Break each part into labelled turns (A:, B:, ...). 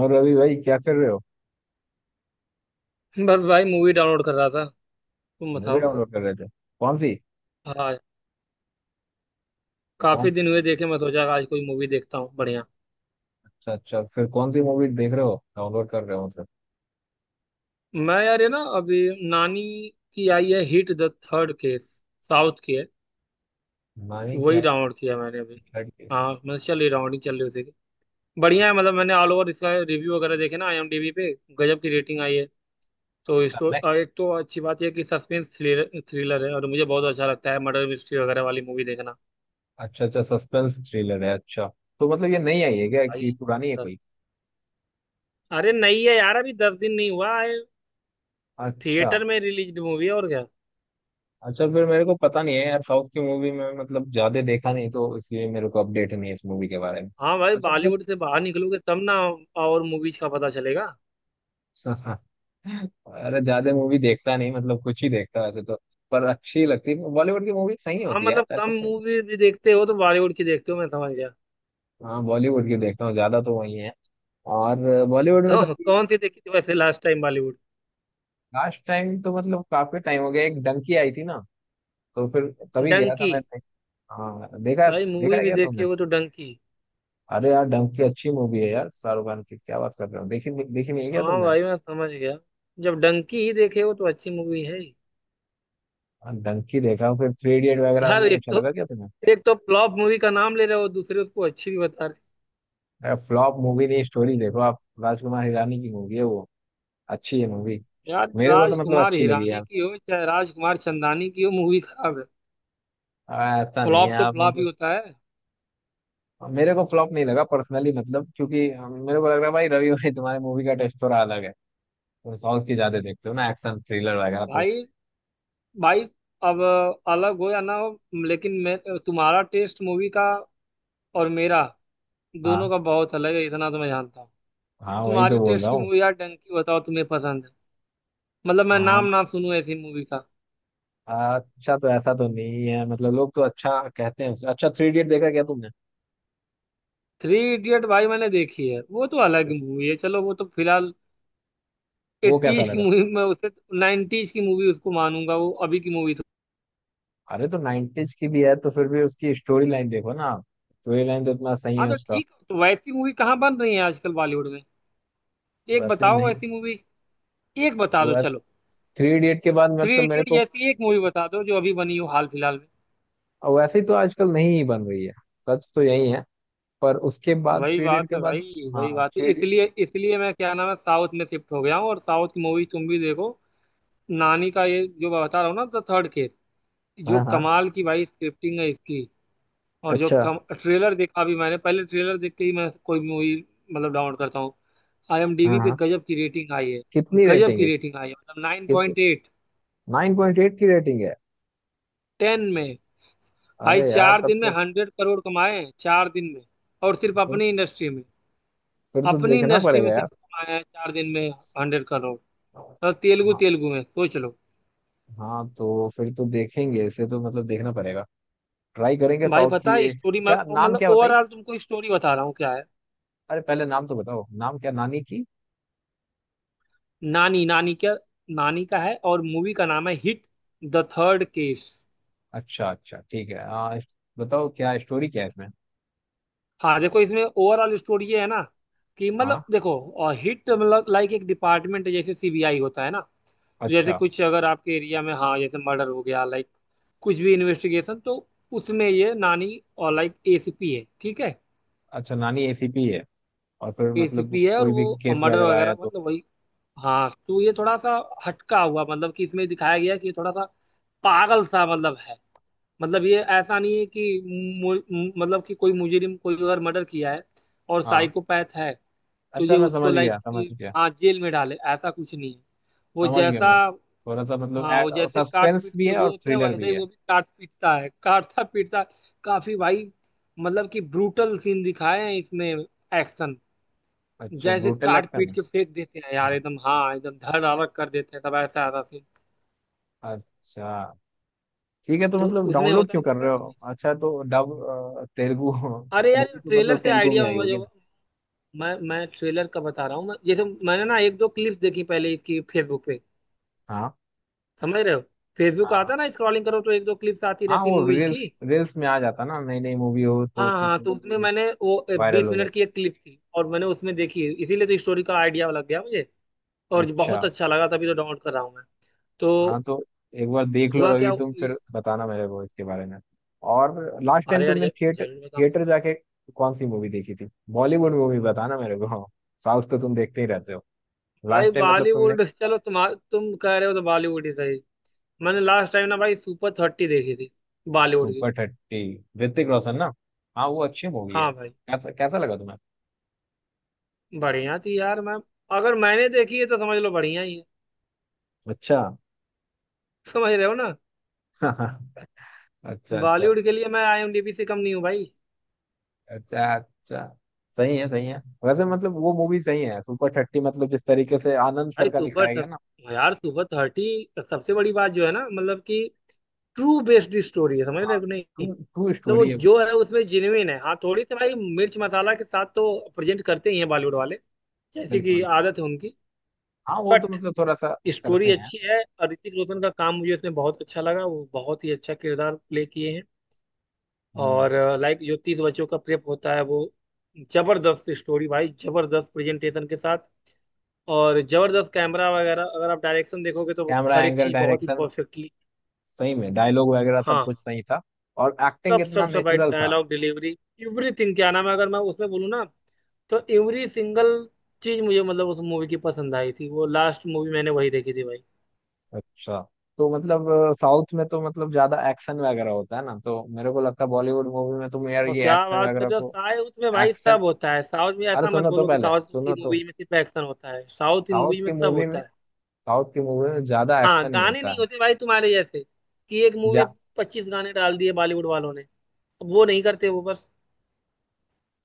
A: और रवि भाई क्या कर रहे हो?
B: बस भाई, मूवी डाउनलोड कर रहा था। तुम
A: मूवी
B: बताओ।
A: डाउनलोड कर रहे थे? कौन सी?
B: हाँ,
A: कौन
B: काफी
A: सी?
B: दिन हुए देखे, मैं सोचा आज कोई मूवी देखता हूँ। बढ़िया।
A: अच्छा अच्छा, फिर कौन सी मूवी देख रहे हो, डाउनलोड कर रहे हो मतलब?
B: मैं यार ये ना अभी नानी की आई है, hit the third case. South की है।
A: मानी क्या
B: वही
A: है?
B: डाउनलोड किया मैंने अभी।
A: लड़की?
B: हाँ मतलब चल रही, डाउनलोडिंग चल रही उसी की। बढ़िया है। मतलब मैंने ऑल ओवर इसका रिव्यू वगैरह देखे ना आईएमडीबी पे। गजब की रेटिंग आई है। तो
A: अच्छा।
B: स्टो
A: नहीं,
B: और एक तो अच्छी बात यह है कि सस्पेंस थ्रिलर थ्रिलर है, और मुझे बहुत अच्छा लगता है मर्डर मिस्ट्री वगैरह वाली मूवी देखना।
A: अच्छा अच्छा, सस्पेंस थ्रिलर है। अच्छा तो मतलब ये नई आई है क्या
B: भाई,
A: कि पुरानी है
B: मतलब-
A: कोई?
B: अरे नहीं है यार, अभी 10 दिन नहीं हुआ है।
A: अच्छा
B: थिएटर में रिलीज मूवी है, और क्या।
A: अच्छा फिर मेरे को पता नहीं है यार, साउथ की मूवी में मतलब ज्यादा देखा नहीं, तो इसलिए मेरे को अपडेट नहीं है इस मूवी के बारे में।
B: हाँ भाई,
A: अच्छा फिर।
B: बॉलीवुड से बाहर निकलोगे तब ना, और मूवीज का पता चलेगा।
A: अरे ज्यादा मूवी देखता नहीं, मतलब कुछ ही देखता वैसे तो। पर अच्छी लगती है बॉलीवुड की मूवी, सही
B: हाँ
A: होती है
B: मतलब
A: यार
B: कम
A: ऐसा।
B: मूवी भी देखते हो तो बॉलीवुड की देखते हो, मैं समझ गया।
A: हाँ, बॉलीवुड की देखता हूँ ज्यादा, तो वही है। और बॉलीवुड में तो
B: कौन
A: अभी
B: कौन सी देखी थी वैसे last time Bollywood?
A: Last time तो मतलब काफी टाइम हो गया, एक डंकी आई थी ना, तो फिर तभी गया था
B: डंकी?
A: मैं। हाँ देखा।
B: भाई
A: देखा
B: मूवी
A: है
B: भी
A: क्या
B: देखे
A: तुमने?
B: हो तो डंकी?
A: अरे यार डंकी अच्छी मूवी है यार, शाहरुख खान की, क्या बात कर रहे हो, देखी देखी नहीं है क्या
B: हाँ
A: तुमने?
B: भाई मैं समझ गया, जब डंकी ही देखे हो तो अच्छी मूवी है ही।
A: हाँ, डंकी देखा, फिर थ्री इडियट वगैरह
B: यार,
A: नहीं
B: एक
A: अच्छा
B: तो,
A: लगा क्या तुम्हें?
B: एक तो फ्लॉप मूवी का नाम ले रहे हो, दूसरे उसको अच्छी भी बता रहे
A: अरे फ्लॉप मूवी नहीं, स्टोरी देखो आप। राजकुमार हिरानी की मूवी है वो, अच्छी है मूवी।
B: हो। यार
A: मेरे को तो मतलब
B: राजकुमार
A: अच्छी लगी
B: हिरानी
A: यार।
B: की हो चाहे राजकुमार चंदानी की हो, मूवी खराब है।
A: ऐसा नहीं है
B: फ्लॉप तो
A: आप
B: फ्लॉप ही
A: मतलब।
B: होता है।
A: मेरे को फ्लॉप नहीं लगा पर्सनली, मतलब क्योंकि मेरे को लग रहा है भाई, रवि भाई तुम्हारे मूवी का टेस्ट थोड़ा अलग है। तुम साउथ की ज्यादा देखते हो ना, एक्शन थ्रिलर वगैरह तो।
B: भाई, भाई, अब, अलग हो या ना हो, लेकिन मैं, तुम्हारा टेस्ट मूवी का और मेरा, दोनों
A: हाँ।
B: का बहुत अलग है, इतना तो मैं जानता हूँ।
A: हाँ वही तो
B: तुम्हारी
A: बोल
B: टेस्ट
A: रहा
B: की
A: हूँ।
B: मूवी यार डंकी, बताओ तुम्हें पसंद है। मतलब मैं नाम
A: हाँ।
B: ना सुनूं ऐसी मूवी का।
A: अच्छा तो ऐसा तो नहीं है मतलब, लोग तो अच्छा कहते हैं उसे। अच्छा, थ्री इडियट देखा क्या तुमने?
B: थ्री इडियट, भाई मैंने देखी है, वो तो अलग मूवी है, चलो वो तो फिलहाल
A: वो कैसा
B: एट्टीज की
A: लगा?
B: मूवी में उसे, नाइनटीज की मूवी उसको मानूंगा, वो अभी की मूवी तो।
A: अरे तो 90s की भी है तो फिर भी उसकी स्टोरी लाइन देखो ना आप, स्टोरी लाइन तो इतना सही
B: हाँ
A: है
B: तो
A: उसका।
B: ठीक, तो वैसी मूवी कहाँ बन रही है आजकल बॉलीवुड में? एक
A: वैसे भी
B: बताओ
A: नहीं।
B: वैसी मूवी। एक बता दो
A: वो
B: चलो।
A: थ्री इडियट के बाद
B: थ्री
A: मतलब मेरे
B: इडियट
A: को,
B: जैसी एक मूवी बता दो जो अभी बनी हो हाल फिलहाल में।
A: वैसे ही तो आजकल नहीं ही बन रही है। सच तो यही है। पर उसके बाद,
B: वही
A: थ्री इडियट
B: बात
A: के
B: है
A: बाद।
B: भाई, वही
A: हाँ
B: बात है,
A: थ्री इडियट।
B: इसलिए इसलिए मैं क्या नाम है साउथ में शिफ्ट हो गया हूँ, और साउथ की मूवी तुम भी देखो। नानी का ये जो मैं बता रहा हूँ ना द थर्ड केस, जो
A: हाँ हाँ।
B: कमाल की भाई स्क्रिप्टिंग है इसकी। और जो
A: अच्छा।
B: कम ट्रेलर देखा अभी मैंने, पहले ट्रेलर देख के ही मैं कोई मूवी मतलब डाउनलोड करता हूँ।
A: हाँ
B: आईएमडीबी पे
A: हाँ।
B: गजब की रेटिंग आई है,
A: कितनी
B: गजब
A: रेटिंग
B: की
A: है?
B: रेटिंग आई है। मतलब नाइन
A: कितनी?
B: Point eight
A: nine point eight की रेटिंग है?
B: 10 में। भाई
A: अरे यार
B: चार
A: तब
B: दिन में
A: तो।
B: 100 करोड़ कमाए हैं, 4 दिन में, और सिर्फ
A: फिर
B: अपनी इंडस्ट्री में।
A: तो
B: अपनी
A: देखना
B: इंडस्ट्री में
A: पड़ेगा यार।
B: सिर्फ कमाए हैं 4 दिन में हंड्रेड करोड़। और तेलुगु,
A: हाँ।
B: तेलुगु में सोच लो।
A: हाँ तो फिर तो देखेंगे इसे, तो मतलब देखना पड़ेगा। ट्राई करेंगे
B: भाई
A: साउथ
B: पता
A: की
B: है
A: ये।
B: स्टोरी में
A: क्या नाम,
B: मतलब
A: क्या बताई?
B: ओवरऑल तुमको स्टोरी बता रहा हूँ क्या है।
A: अरे पहले नाम तो बताओ, नाम क्या नानी की?
B: नानी नानी क्या, नानी का है, और मूवी का नाम है हिट द थर्ड केस।
A: अच्छा अच्छा, ठीक है। बताओ क्या स्टोरी क्या है इसमें?
B: हाँ देखो, इसमें ओवरऑल स्टोरी ये है ना, कि
A: हाँ।
B: मतलब देखो, और हिट मतलब लाइक एक डिपार्टमेंट है जैसे सीबीआई होता है ना। तो जैसे
A: अच्छा
B: कुछ अगर आपके एरिया में, हाँ, जैसे मर्डर हो गया लाइक, कुछ भी इन्वेस्टिगेशन, तो उसमें ये नानी और लाइक एसीपी है, ठीक है।
A: अच्छा, नानी एसीपी है, और फिर मतलब
B: एसीपी है और
A: कोई भी
B: वो
A: केस
B: मर्डर
A: वगैरह आया
B: वगैरह
A: तो।
B: मतलब वही। हाँ तो ये थोड़ा सा हटका हुआ, मतलब कि इसमें दिखाया गया कि ये थोड़ा सा पागल सा मतलब है। मतलब ये ऐसा नहीं है कि मु- मु- मतलब कि कोई मुजरिम, कोई अगर मर्डर किया है और
A: हाँ
B: साइकोपैथ है, तो
A: अच्छा,
B: ये
A: मैं
B: उसको
A: समझ
B: लाइक
A: गया, समझ
B: कि
A: गया।
B: हाँ जेल में डाले, ऐसा कुछ नहीं है। वो
A: समझ गया
B: जैसा,
A: मैं, थोड़ा सा
B: हाँ, वो
A: मतलब
B: जैसे काट
A: सस्पेंस
B: पीट
A: भी
B: के
A: है
B: वो
A: और
B: होते हैं,
A: थ्रिलर
B: वैसे
A: भी
B: ही
A: है।
B: वो भी काट पीटता है, काटता पीटता। काफी भाई, मतलब कि ब्रूटल सीन दिखाए हैं इसमें, एक्शन।
A: अच्छा,
B: जैसे
A: ब्रूटल
B: काट
A: एक्शन
B: पीट के फेंक देते हैं यार
A: है।
B: एकदम, हाँ एकदम धड़ धाड़ कर देते हैं, तब ऐसा आता सीन।
A: अच्छा ठीक है, तो
B: तो
A: मतलब
B: उसमें
A: डाउनलोड
B: होता
A: क्यों कर
B: क्या ना,
A: रहे हो? अच्छा तो डब तेलुगु
B: अरे यार
A: मूवी तो
B: ट्रेलर
A: मतलब
B: से
A: तेलुगु
B: आइडिया
A: में आई होगी
B: जो,
A: ना?
B: मैं ट्रेलर का बता रहा हूँ। जैसे मैंने ना एक दो क्लिप्स देखी पहले इसकी फेसबुक पे,
A: हाँ
B: समझ रहे हो। फेसबुक
A: हाँ।
B: आता ना, स्क्रॉलिंग करो तो एक दो क्लिप्स आती
A: हाँ
B: रहती
A: वो
B: मूवीज की।
A: रील्स रील्स में आ जाता ना नई नई मूवी हो तो
B: हाँ
A: उसके,
B: हाँ, तो उसमें मैंने, वो
A: वायरल
B: बीस
A: हो
B: मिनट
A: जाता।
B: की एक क्लिप थी, और मैंने उसमें देखी, इसीलिए तो स्टोरी का आइडिया लग गया मुझे, और
A: अच्छा।
B: बहुत अच्छा लगा, तभी तो डाउनलोड कर रहा हूँ मैं।
A: हाँ
B: तो
A: तो एक बार देख लो
B: हुआ
A: रवि
B: क्या
A: तुम, फिर
B: इस-
A: बताना मेरे को इसके बारे में। और लास्ट टाइम
B: अरे यार
A: तुमने थिएटर
B: जरूर बताऊंगा।
A: थिएटर जाके कौन सी मूवी देखी थी? बॉलीवुड मूवी बताना मेरे को, साउथ तो तुम देखते ही रहते हो।
B: भाई
A: लास्ट टाइम मतलब तुमने,
B: बॉलीवुड चलो, तुम कह रहे हो तो बॉलीवुड ही सही। मैंने लास्ट टाइम ना भाई सुपर 30 देखी थी, बॉलीवुड की।
A: सुपर थर्टी, ऋतिक रोशन ना? हाँ वो अच्छी मूवी है।
B: हाँ भाई,
A: कैसा कैसा लगा तुम्हें?
B: बढ़िया थी यार। मैम, अगर मैंने देखी है तो समझ लो बढ़िया ही है।
A: अच्छा।
B: समझ रहे हो ना,
A: अच्छा अच्छा।
B: बॉलीवुड के लिए मैं आईएमडीबी से कम नहीं हूँ भाई।
A: अच्छा अच्छा। सही है, सही है। वैसे मतलब वो मूवी सही है सुपर थर्टी, मतलब जिस तरीके से आनंद
B: भाई
A: सर का
B: सुपर
A: दिखाया गया ना।
B: यार सुपर 30, सबसे बड़ी बात जो है ना, मतलब कि ट्रू बेस्ड स्टोरी है, समझ रहे
A: हाँ।
B: हो कि नहीं।
A: ट्रू
B: मतलब
A: ट्रू
B: वो
A: स्टोरी है।
B: जो है उसमें जेन्युइन है। हाँ थोड़ी सी भाई मिर्च मसाला के साथ तो प्रेजेंट करते ही हैं बॉलीवुड वाले, जैसे कि
A: बिल्कुल।
B: आदत है उनकी।
A: हाँ वो तो
B: बट
A: मतलब थोड़ा सा करते
B: स्टोरी
A: हैं।
B: अच्छी है, और ऋतिक रोशन का काम मुझे इसमें बहुत अच्छा लगा, वो बहुत ही अच्छा किरदार प्ले किए हैं।
A: हम्म।
B: और लाइक जो 30 बच्चों का प्रेप होता है वो, जबरदस्त स्टोरी भाई, जबरदस्त प्रेजेंटेशन के साथ। और जबरदस्त कैमरा वगैरह, अगर आप डायरेक्शन देखोगे तो
A: कैमरा
B: हर एक
A: एंगल,
B: चीज बहुत ही
A: डायरेक्शन,
B: परफेक्टली।
A: सही में डायलॉग वगैरह सब
B: हाँ,
A: कुछ सही था। और एक्टिंग
B: सब
A: इतना
B: सब सब भाई,
A: नेचुरल था।
B: डायलॉग डिलीवरी, एवरीथिंग क्या नाम है, अगर मैं उसमें बोलूँ ना, तो एवरी सिंगल चीज मुझे मतलब उस मूवी की पसंद आई थी, वो लास्ट मूवी मैंने वही देखी थी भाई।
A: अच्छा। तो मतलब साउथ में तो मतलब ज्यादा एक्शन वगैरह होता है ना, तो मेरे को लगता है बॉलीवुड मूवी में तुम यार
B: और
A: ये
B: क्या
A: एक्शन
B: बात कर
A: वगैरह
B: रहे हो,
A: को।
B: साउथ में भाई
A: एक्शन।
B: सब होता है, साउथ में
A: अरे
B: ऐसा मत
A: सुनो तो,
B: बोलो कि
A: पहले
B: साउथ की
A: सुनो तो।
B: मूवी में सिर्फ एक्शन होता है, साउथ की
A: साउथ
B: मूवी में
A: की
B: सब
A: मूवी
B: होता
A: में
B: है।
A: साउथ की मूवी में ज्यादा
B: हाँ,
A: एक्शन ही
B: गाने
A: होता
B: नहीं
A: है।
B: होते भाई तुम्हारे जैसे कि एक मूवी
A: जा।
B: में 25 गाने डाल दिए बॉलीवुड वालों ने, अब वो नहीं करते वो बस।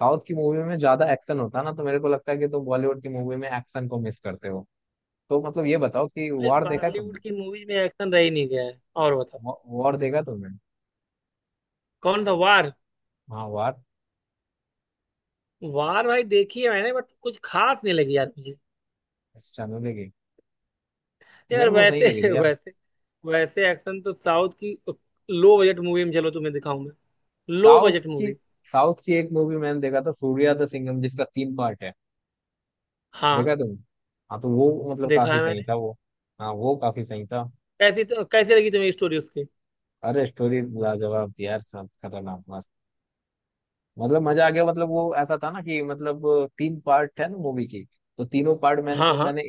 A: साउथ की मूवी में ज्यादा एक्शन होता है ना, तो मेरे को लगता है कि तुम बॉलीवुड की मूवी में एक्शन को मिस करते हो। तो मतलब ये बताओ कि
B: भाई
A: वॉर देखा है तुमने?
B: बॉलीवुड की मूवी में एक्शन रह ही नहीं गया है, और बताओ
A: वॉर देखा तुमने?
B: कौन था वार?
A: हाँ वार।
B: वार भाई देखी है मैंने, बट कुछ खास नहीं लगी यार मुझे।
A: चैनल की।
B: यार
A: मेरे को सही लगी
B: वैसे
A: थी यार।
B: वैसे वैसे एक्शन तो साउथ की लो बजट मूवी में, चलो तुम्हें दिखाऊं मैं लो
A: साउथ
B: बजट
A: की
B: मूवी।
A: साउथ की एक मूवी मैंने देखा था सूर्या द सिंघम, जिसका तीन पार्ट है।
B: हाँ
A: देखा तुमने? हाँ तो वो मतलब
B: देखा
A: काफी
B: है
A: सही
B: मैंने।
A: था वो। हाँ वो काफी सही था।
B: कैसी तो कैसी लगी तुम्हें स्टोरी उसकी?
A: अरे स्टोरी लाजवाब थी यार, सब खतरनाक मस्त। मतलब मजा आ गया, मतलब वो ऐसा था ना कि मतलब, तीन पार्ट है ना मूवी की, तो तीनों पार्ट
B: हाँ हाँ।
A: मैंने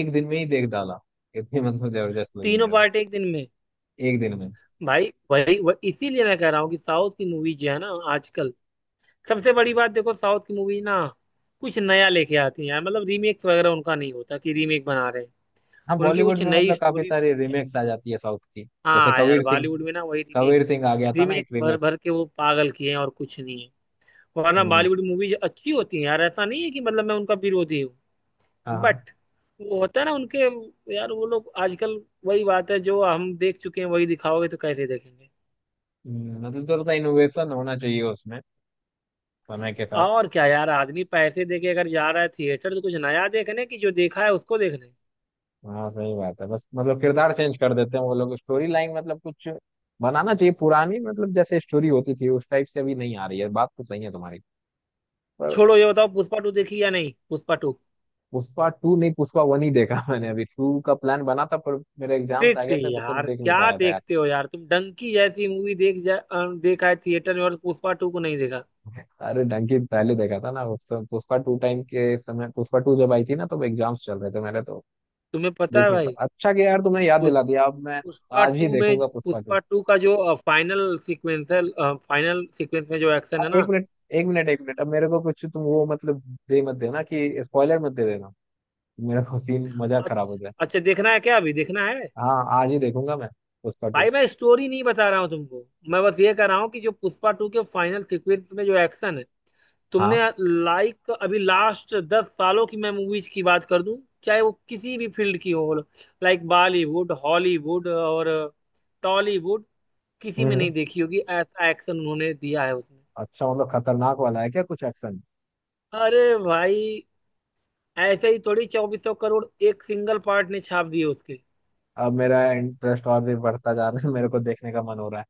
A: एक दिन में ही देख डाला, इतनी मतलब जबरदस्त लगी
B: तीनों
A: मेरे को।
B: पार्ट एक दिन में?
A: एक दिन में।
B: भाई वही वह, इसीलिए मैं कह रहा हूँ कि साउथ की मूवी जो है ना आजकल, सबसे बड़ी बात देखो साउथ की मूवी ना कुछ नया लेके आती है यार, मतलब रीमेक्स वगैरह उनका नहीं होता कि रीमेक बना रहे हैं,
A: हाँ
B: उनकी
A: बॉलीवुड
B: कुछ
A: में
B: नई
A: मतलब काफी
B: स्टोरी
A: सारी
B: होती है।
A: रीमेक्स आ जाती है साउथ की। जैसे
B: हाँ यार
A: कबीर सिंह,
B: बॉलीवुड में ना वही रीमेक,
A: आ गया था ना
B: रीमेक
A: एक
B: भर
A: रीमेक।
B: भर के वो पागल किए हैं, और कुछ नहीं है। वरना
A: हम्म।
B: बॉलीवुड मूवी अच्छी होती है यार, ऐसा नहीं है कि मतलब मैं उनका विरोधी हूँ।
A: हाँ हाँ।
B: बट वो होता है ना उनके, यार वो लोग आजकल, वही बात है जो हम देख चुके हैं, वही दिखाओगे तो कैसे देखेंगे।
A: मतलब थोड़ा सा इनोवेशन होना चाहिए उसमें, समय के साथ।
B: और क्या यार, आदमी पैसे दे के अगर जा रहा है थिएटर तो कुछ नया देखने की, जो देखा है उसको देखने।
A: हाँ सही बात है, बस मतलब किरदार चेंज कर देते हैं वो लोग, स्टोरी लाइन मतलब कुछ बनाना चाहिए। पुरानी मतलब जैसे स्टोरी होती थी उस टाइप से अभी नहीं आ रही है, बात तो सही है तुम्हारी। पर
B: छोड़ो ये बताओ पुष्पा टू देखी या नहीं, पुष्पा टू।
A: पुष्पा टू नहीं, पुष्पा वन ही देखा मैंने, अभी टू का प्लान बना था पर मेरे एग्जाम्स आ
B: देखते
A: गए थे
B: ही
A: तो फिर
B: यार,
A: देख नहीं
B: क्या
A: पाया था यार।
B: देखते हो यार तुम डंकी जैसी मूवी देख जा, अ, देखा है थिएटर में और पुष्पा टू को नहीं देखा?
A: अरे डंकी पहले देखा था ना पुष्पा टू टाइम के समय, पुष्पा टू जब आई थी ना तो एग्जाम्स चल रहे थे मेरे, तो
B: तुम्हें पता है
A: देख नहीं
B: भाई,
A: पाया। अच्छा कि यार तुमने याद दिला दिया,
B: पुष्पा
A: अब मैं
B: पुष्पा
A: आज ही
B: टू में,
A: देखूंगा पुष्पा टू।
B: पुष्पा टू का जो फाइनल सीक्वेंस में जो
A: हाँ,
B: एक्शन है
A: एक
B: ना।
A: मिनट, एक मिनट एक मिनट, अब मेरे को कुछ तुम वो मतलब दे मत देना कि स्पॉइलर मत दे देना, मेरा को सीन मजा खराब हो
B: अच्छा
A: जाए।
B: अच्छा, देखना है क्या, अभी देखना है?
A: हाँ आज ही देखूंगा मैं, पुष्पा टू।
B: भाई मैं स्टोरी नहीं बता रहा हूँ तुमको, मैं बस ये कह रहा हूँ कि जो पुष्पा टू के फाइनल सीक्वेंस में जो एक्शन है तुमने,
A: हाँ।
B: लाइक अभी लास्ट 10 सालों की मैं मूवीज की बात कर दूं, चाहे वो किसी भी फील्ड की हो, लाइक बॉलीवुड, हॉलीवुड और टॉलीवुड, किसी
A: हम्म
B: में
A: हम्म।
B: नहीं देखी होगी ऐसा एक्शन उन्होंने दिया है उसमें।
A: अच्छा मतलब खतरनाक वाला है क्या कुछ एक्शन?
B: अरे भाई, ऐसे ही थोड़ी 2400 करोड़ एक सिंगल पार्ट ने छाप दिए उसके।
A: अब मेरा इंटरेस्ट और भी बढ़ता जा रहा है, मेरे को देखने का मन हो रहा है।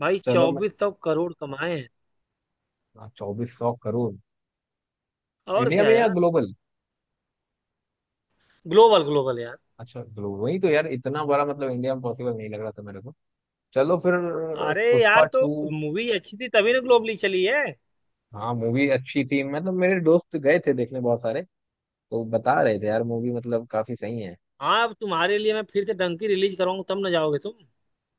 B: भाई
A: चलो मैं।
B: 2400 करोड़ कमाए हैं,
A: हाँ, चौबीस सौ करोड़।
B: और
A: इंडिया
B: क्या
A: में या
B: यार।
A: ग्लोबल?
B: ग्लोबल, ग्लोबल यार।
A: अच्छा ग्लो, वही तो यार इतना बड़ा मतलब इंडिया में पॉसिबल नहीं लग रहा था मेरे को। चलो फिर,
B: अरे यार
A: पुष्पा
B: तो
A: टू।
B: मूवी अच्छी थी तभी ना ग्लोबली चली है।
A: हाँ मूवी अच्छी थी मतलब, मेरे दोस्त गए थे देखने बहुत सारे, तो बता रहे थे यार मूवी मतलब काफी सही है।
B: हाँ अब तुम्हारे लिए मैं फिर से डंकी रिलीज कराऊंगा तब ना जाओगे तुम।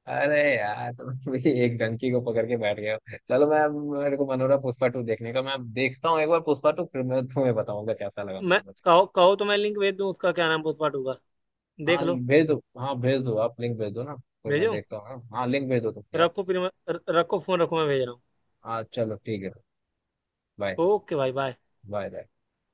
A: अरे यार तुम भी एक डंकी को पकड़ के बैठ गए हो। चलो मैं, अब मेरे को मन हो रहा है पुष्पा टू देखने का, मैं अब देखता हूँ एक बार पुष्पा टू, फिर मैं तुम्हें बताऊंगा कैसा लगा
B: मैं,
A: मेरे को।
B: कहो, कहो तो मैं लिंक भेज दूं, उसका क्या नाम, पुष्पा टू का? देख
A: हाँ
B: लो।
A: भेज दो, हाँ भेज दो आप, लिंक भेज दो ना, फिर मैं
B: भेजूं?
A: देखता हूँ। हाँ लिंक भेज दो तुम यार।
B: रखो, फिर मैं रखो फोन रखो, मैं भेज रहा हूँ।
A: हाँ चलो ठीक है। बाय।
B: ओके भाई, बाय।
A: Bye bye.